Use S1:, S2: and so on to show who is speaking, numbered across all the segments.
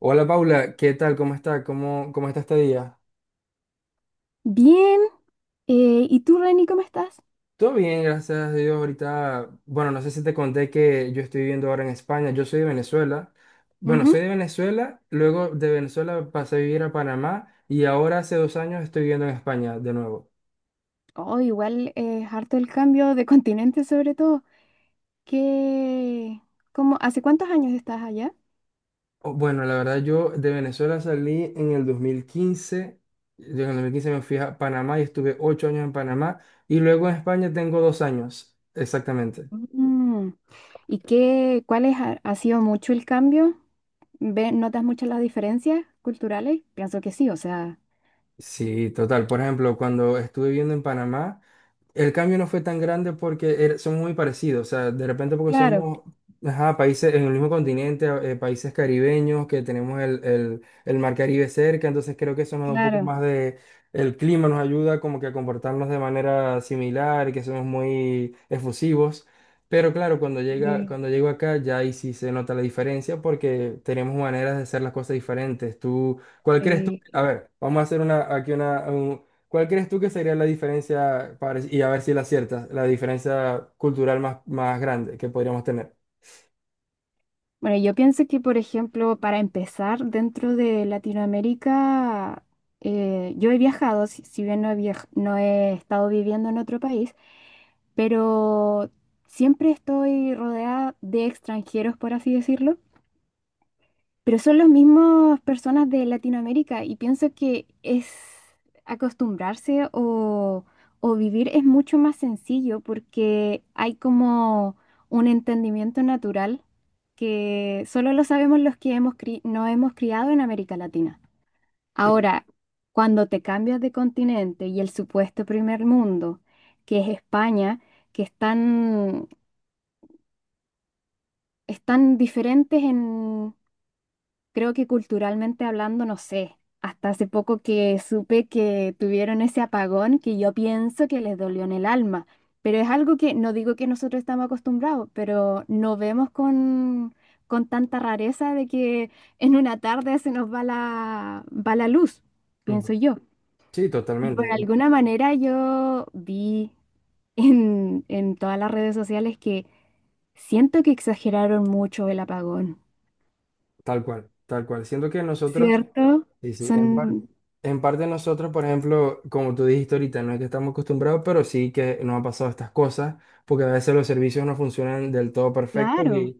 S1: Hola Paula, ¿qué tal? ¿Cómo está? ¿Cómo está este día?
S2: Bien, ¿y tú, Reni, cómo estás?
S1: Todo bien, gracias a Dios. Ahorita, bueno, no sé si te conté que yo estoy viviendo ahora en España. Yo soy de Venezuela. Bueno, soy
S2: Ujú.
S1: de Venezuela, luego de Venezuela pasé a vivir a Panamá y ahora hace 2 años estoy viviendo en España de nuevo.
S2: Oh, igual es harto el cambio de continente, sobre todo. ¿Qué, ¿hace cuántos años estás allá?
S1: Oh, bueno, la verdad yo de Venezuela salí en el 2015. Yo en el 2015 me fui a Panamá y estuve 8 años en Panamá y luego en España tengo 2 años, exactamente.
S2: Mm, ¿y cuál es, ha sido mucho el cambio? ¿Notas mucho las diferencias culturales? Pienso que sí, o sea,
S1: Sí, total. Por ejemplo, cuando estuve viviendo en Panamá, el cambio no fue tan grande porque somos muy parecidos. O sea, de repente porque
S2: claro,
S1: somos, ajá, países en el mismo continente, países caribeños, que tenemos el mar Caribe cerca, entonces creo que eso nos da un poco
S2: claro.
S1: más de. El clima nos ayuda como que a comportarnos de manera similar, y que somos muy efusivos. Pero claro,
S2: Sí,
S1: cuando llego acá, ya ahí sí se nota la diferencia porque tenemos maneras de hacer las cosas diferentes. ¿Tú, cuál crees a
S2: sí.
S1: ver, vamos a hacer una, aquí una, un- ¿cuál crees tú que sería la diferencia, y a ver si la aciertas, la diferencia cultural más grande que podríamos tener?
S2: Bueno, yo pienso que, por ejemplo, para empezar, dentro de Latinoamérica, yo he viajado, si bien no he, no he estado viviendo en otro país, pero siempre estoy rodeada de extranjeros, por así decirlo. Pero son los mismos personas de Latinoamérica y pienso que es acostumbrarse o vivir es mucho más sencillo porque hay como un entendimiento natural que solo lo sabemos los que nos hemos criado en América Latina.
S1: Sí.
S2: Ahora, cuando te cambias de continente y el supuesto primer mundo, que es España, que están, están diferentes. Creo que culturalmente hablando, no sé, hasta hace poco que supe que tuvieron ese apagón que yo pienso que les dolió en el alma, pero es algo que no digo que nosotros estamos acostumbrados, pero no vemos con tanta rareza de que en una tarde se nos va va la luz, pienso
S1: Ujú.
S2: yo.
S1: Sí,
S2: Y por
S1: totalmente,
S2: alguna manera yo vi en todas las redes sociales que siento que exageraron mucho el apagón,
S1: tal cual, tal cual. Siento que nosotros.
S2: ¿cierto?
S1: Sí, sí,
S2: Son...
S1: en parte nosotros, por ejemplo, como tú dijiste ahorita, no es que estamos acostumbrados, pero sí que nos ha pasado estas cosas, porque a veces los servicios no funcionan del todo perfectos
S2: Claro,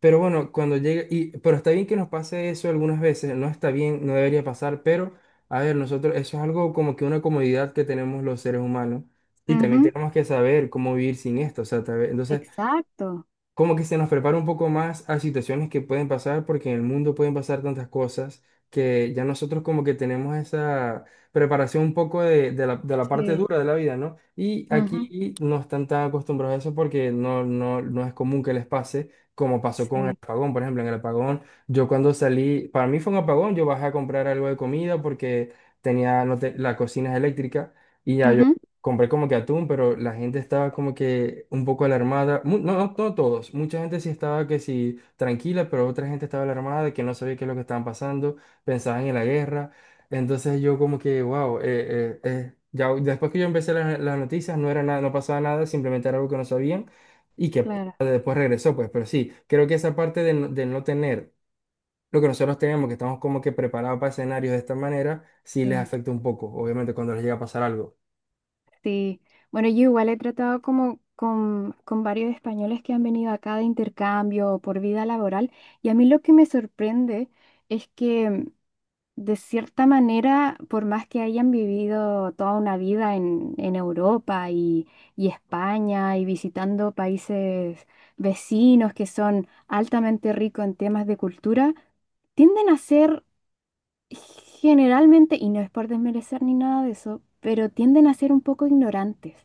S1: pero bueno, pero está bien que nos pase eso algunas veces, no está bien, no debería pasar, pero a ver, nosotros, eso es algo como que una comodidad que tenemos los seres humanos y también
S2: ujú,
S1: tenemos que saber cómo vivir sin esto, o sea, entonces
S2: exacto.
S1: como que se nos prepara un poco más a situaciones que pueden pasar, porque en el mundo pueden pasar tantas cosas que ya nosotros como que tenemos esa preparación un poco de la parte
S2: Sí,
S1: dura de la vida, ¿no? Y
S2: ujú,
S1: aquí no están tan acostumbrados a eso porque no, no, no es común que les pase. Como pasó con el
S2: sí,
S1: apagón, por ejemplo, en el apagón, yo cuando salí, para mí fue un apagón, yo bajé a comprar algo de comida porque tenía, no te- la cocina es eléctrica y ya yo
S2: ujú,
S1: compré como que atún, pero la gente estaba como que un poco alarmada. No, no, no todos. Mucha gente sí estaba que sí tranquila, pero otra gente estaba alarmada de que no sabía qué es lo que estaban pasando, pensaban en la guerra. Entonces yo como que, wow, ya después que yo empecé las noticias no era nada, no pasaba nada, simplemente era algo que no sabían y que
S2: claro,
S1: después regresó, pues. Pero sí, creo que esa parte de no tener lo que nosotros tenemos, que estamos como que preparados para escenarios de esta manera, sí les
S2: sí,
S1: afecta un poco, obviamente, cuando les llega a pasar algo.
S2: sí. Bueno, yo igual he tratado como con varios españoles que han venido acá de intercambio o por vida laboral y a mí lo que me sorprende es que de cierta manera, por más que hayan vivido toda una vida en Europa y España y visitando países vecinos que son altamente ricos en temas de cultura, tienden a ser generalmente, y no es por desmerecer ni nada de eso, pero tienden a ser un poco ignorantes.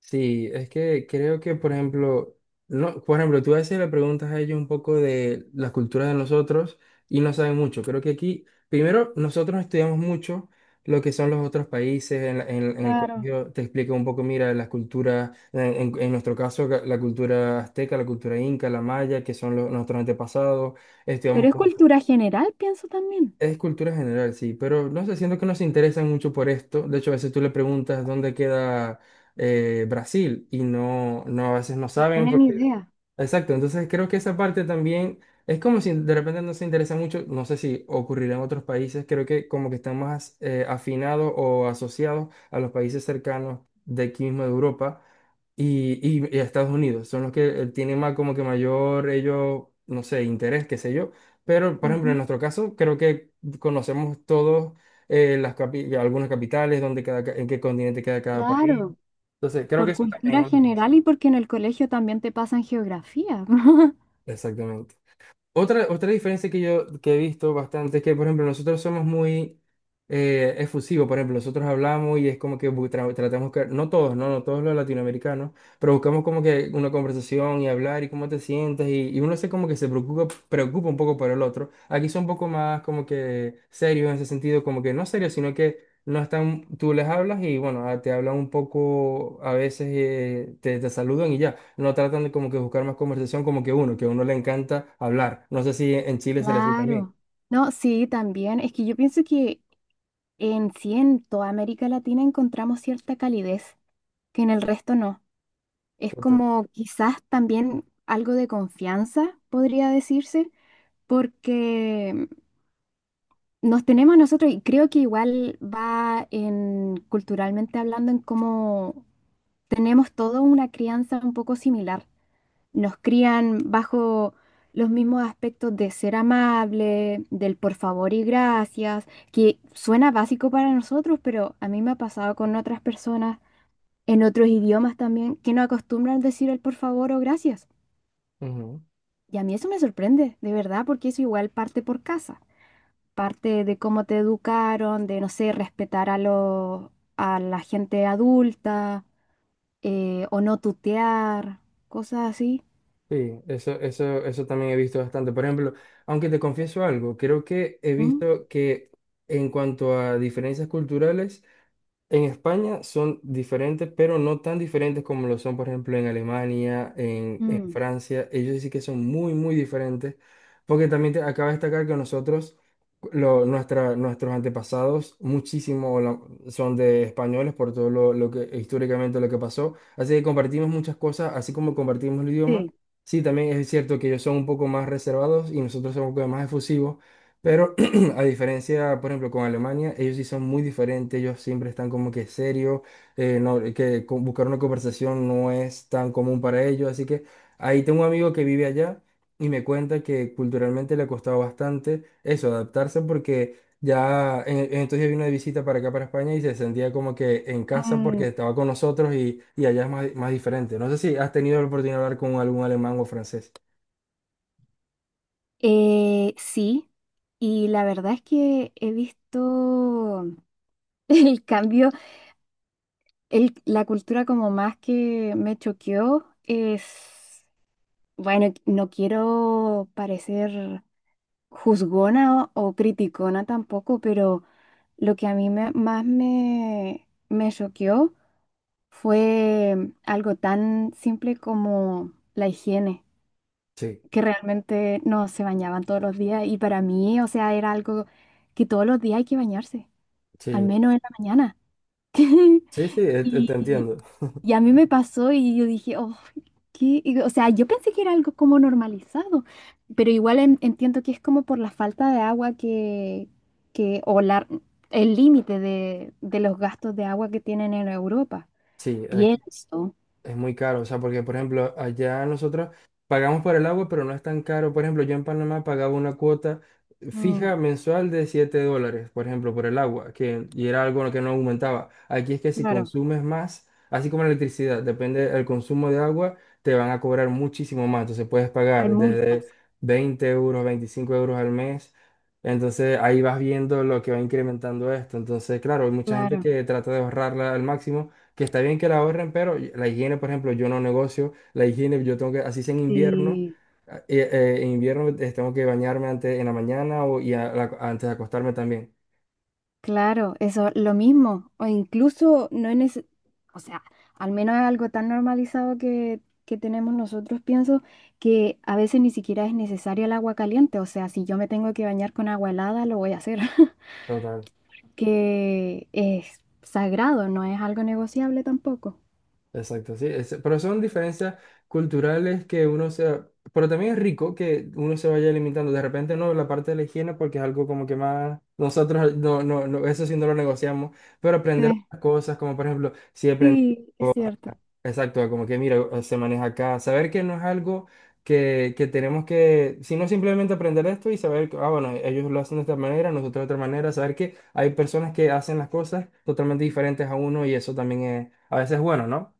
S1: Sí, es que creo que, por ejemplo, no, por ejemplo, tú a veces le preguntas a ellos un poco de la cultura de nosotros y no saben mucho. Creo que aquí, primero, nosotros estudiamos mucho lo que son los otros países. En el
S2: Claro,
S1: colegio te explica un poco, mira, las culturas, en nuestro caso, la cultura azteca, la cultura inca, la maya, que son nuestros antepasados. Estudiamos.
S2: pero es cultura general, pienso también.
S1: Es cultura general, sí, pero no sé, siento que no se interesan mucho por esto. De hecho, a veces tú le preguntas dónde queda Brasil y no, no, a veces no
S2: No
S1: saben
S2: tienen
S1: porque.
S2: idea.
S1: Exacto, entonces creo que esa parte también es como si de repente no se interesa mucho, no sé si ocurrirá en otros países, creo que como que están más afinados o asociados a los países cercanos de aquí mismo de Europa y a Estados Unidos, son los que tienen más como que mayor ellos, no sé, interés, qué sé yo, pero por ejemplo en
S2: Ujú.
S1: nuestro caso creo que conocemos todos algunas capitales, en qué continente queda cada
S2: Claro,
S1: país, entonces creo que
S2: por
S1: eso también es
S2: cultura
S1: una diferencia.
S2: general y porque en el colegio también te pasan geografía.
S1: Exactamente. Otra diferencia que yo que he visto bastante es que, por ejemplo, nosotros somos muy efusivos. Por ejemplo, nosotros hablamos y es como que tratamos que, no todos, no, no todos los latinoamericanos, pero buscamos como que una conversación y hablar y cómo te sientes y uno se como que se preocupa un poco por el otro. Aquí son un poco más como que serios en ese sentido, como que no serios, sino que no están, tú les hablas y bueno, ah, te hablan un poco, a veces te saludan y ya, no tratan de como que buscar más conversación como que uno, que a uno le encanta hablar. No sé si en Chile será así también.
S2: Claro. No, sí, también. Es que yo pienso que en sí, en toda América Latina encontramos cierta calidez, que en el resto no. Es
S1: Total.
S2: como quizás también algo de confianza, podría decirse, porque nos tenemos a nosotros y creo que igual va en, culturalmente hablando, en cómo tenemos toda una crianza un poco similar. Nos crían bajo los mismos aspectos de ser amable, del por favor y gracias, que suena básico para nosotros, pero a mí me ha pasado con otras personas en otros idiomas también que no acostumbran decir el por favor o gracias.
S1: Ujú.
S2: Y a mí eso me sorprende, de verdad, porque eso igual parte por casa, parte de cómo te educaron, de, no sé, respetar a los, a la gente adulta, o no tutear, cosas así.
S1: Sí, eso también he visto bastante. Por ejemplo, aunque te confieso algo, creo que he
S2: ¿Mm?
S1: visto que en cuanto a diferencias culturales, en España son diferentes, pero no tan diferentes como lo son, por ejemplo, en Alemania, en
S2: Mm.
S1: Francia. Ellos sí que son muy, muy diferentes, porque también acaba de destacar que nosotros, nuestros antepasados, son de españoles por todo lo que históricamente lo que pasó. Así que compartimos muchas cosas, así como compartimos el idioma.
S2: Sí.
S1: Sí, también es cierto que ellos son un poco más reservados y nosotros somos un poco más efusivos, pero a diferencia, por ejemplo, con Alemania, ellos sí son muy diferentes, ellos siempre están como que serios, no, que buscar una conversación no es tan común para ellos, así que ahí tengo un amigo que vive allá y me cuenta que culturalmente le ha costado bastante eso, adaptarse, porque ya en estos días vino de visita para acá, para España, y se sentía como que en casa porque
S2: Mm,
S1: estaba con nosotros y allá es más, más diferente. No sé si has tenido la oportunidad de hablar con algún alemán o francés.
S2: Sí, y la verdad es que he visto el cambio, la cultura como más que me choqueó es, bueno, no quiero parecer juzgona o criticona tampoco, pero lo que a mí más me, me choqueó fue algo tan simple como la higiene.
S1: Sí,
S2: Que realmente no se bañaban todos los días y para mí, o sea, era algo que todos los días hay que bañarse, al
S1: sí,
S2: menos en la mañana.
S1: sí, sí, te
S2: Y,
S1: entiendo.
S2: y a mí me pasó y yo dije, oh, ¿qué? Y, o sea, yo pensé que era algo como normalizado, pero igual entiendo que es como por la falta de agua que o la, el límite de los gastos de agua que tienen en Europa.
S1: Sí, aquí.
S2: Pienso,
S1: Es muy caro, o sea, porque por ejemplo, allá nosotros pagamos por el agua, pero no es tan caro. Por ejemplo, yo en Panamá pagaba una cuota
S2: mm,
S1: fija mensual de 7 dólares, por ejemplo, por el agua, y era algo que no aumentaba. Aquí es que si
S2: claro,
S1: consumes más, así como la electricidad, depende del consumo de agua, te van a cobrar muchísimo más. Entonces puedes
S2: hay
S1: pagar
S2: multas,
S1: desde 20 euros, 25 euros al mes. Entonces ahí vas viendo lo que va incrementando esto. Entonces, claro, hay mucha gente
S2: claro.
S1: que trata de ahorrarla al máximo que está bien que la ahorren, pero la higiene, por ejemplo, yo no negocio, la higiene yo tengo que, así sea en invierno,
S2: Sí.
S1: en invierno tengo que bañarme antes en la mañana o antes de acostarme también.
S2: Claro, eso, lo mismo, o incluso no es, ese, o sea, al menos es algo tan normalizado que tenemos nosotros, pienso, que a veces ni siquiera es necesario el agua caliente, o sea, si yo me tengo que bañar con agua helada, lo voy a hacer,
S1: Total,
S2: que es sagrado, no es algo negociable tampoco.
S1: exacto, sí, pero son diferencias culturales que uno se. Pero también es rico que uno se vaya limitando. De repente no la parte de la higiene porque es algo como que más. Nosotros no, no, no, eso sí no lo negociamos, pero aprender
S2: Sí,
S1: otras cosas, como por ejemplo, si aprendemos.
S2: sí, es cierto.
S1: Exacto, como que mira, se maneja acá. Saber que no es algo que tenemos que, sino simplemente aprender esto y saber que, ah, bueno, ellos lo hacen de esta manera, nosotros de otra manera. Saber que hay personas que hacen las cosas totalmente diferentes a uno y eso también es, a veces bueno, ¿no?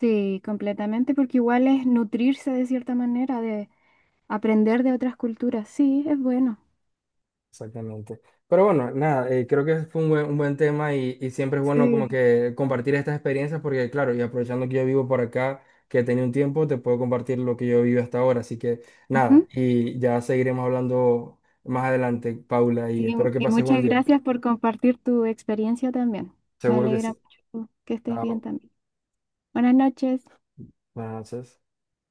S2: Sí, completamente, porque igual es nutrirse de cierta manera, de aprender de otras culturas, sí, es bueno.
S1: Exactamente. Pero bueno, nada, creo que fue un buen tema y siempre es bueno como
S2: Sí.
S1: que compartir estas experiencias porque claro, y aprovechando que yo vivo por acá, que he tenido un tiempo, te puedo compartir lo que yo vivo hasta ahora. Así que nada, y ya seguiremos hablando más adelante, Paula, y
S2: Sí,
S1: espero que
S2: y
S1: pases buen
S2: muchas
S1: día.
S2: gracias por compartir tu experiencia también. Me
S1: Seguro que
S2: alegra
S1: sí.
S2: mucho que estés bien
S1: Chao.
S2: también. Buenas noches.
S1: Buenas noches.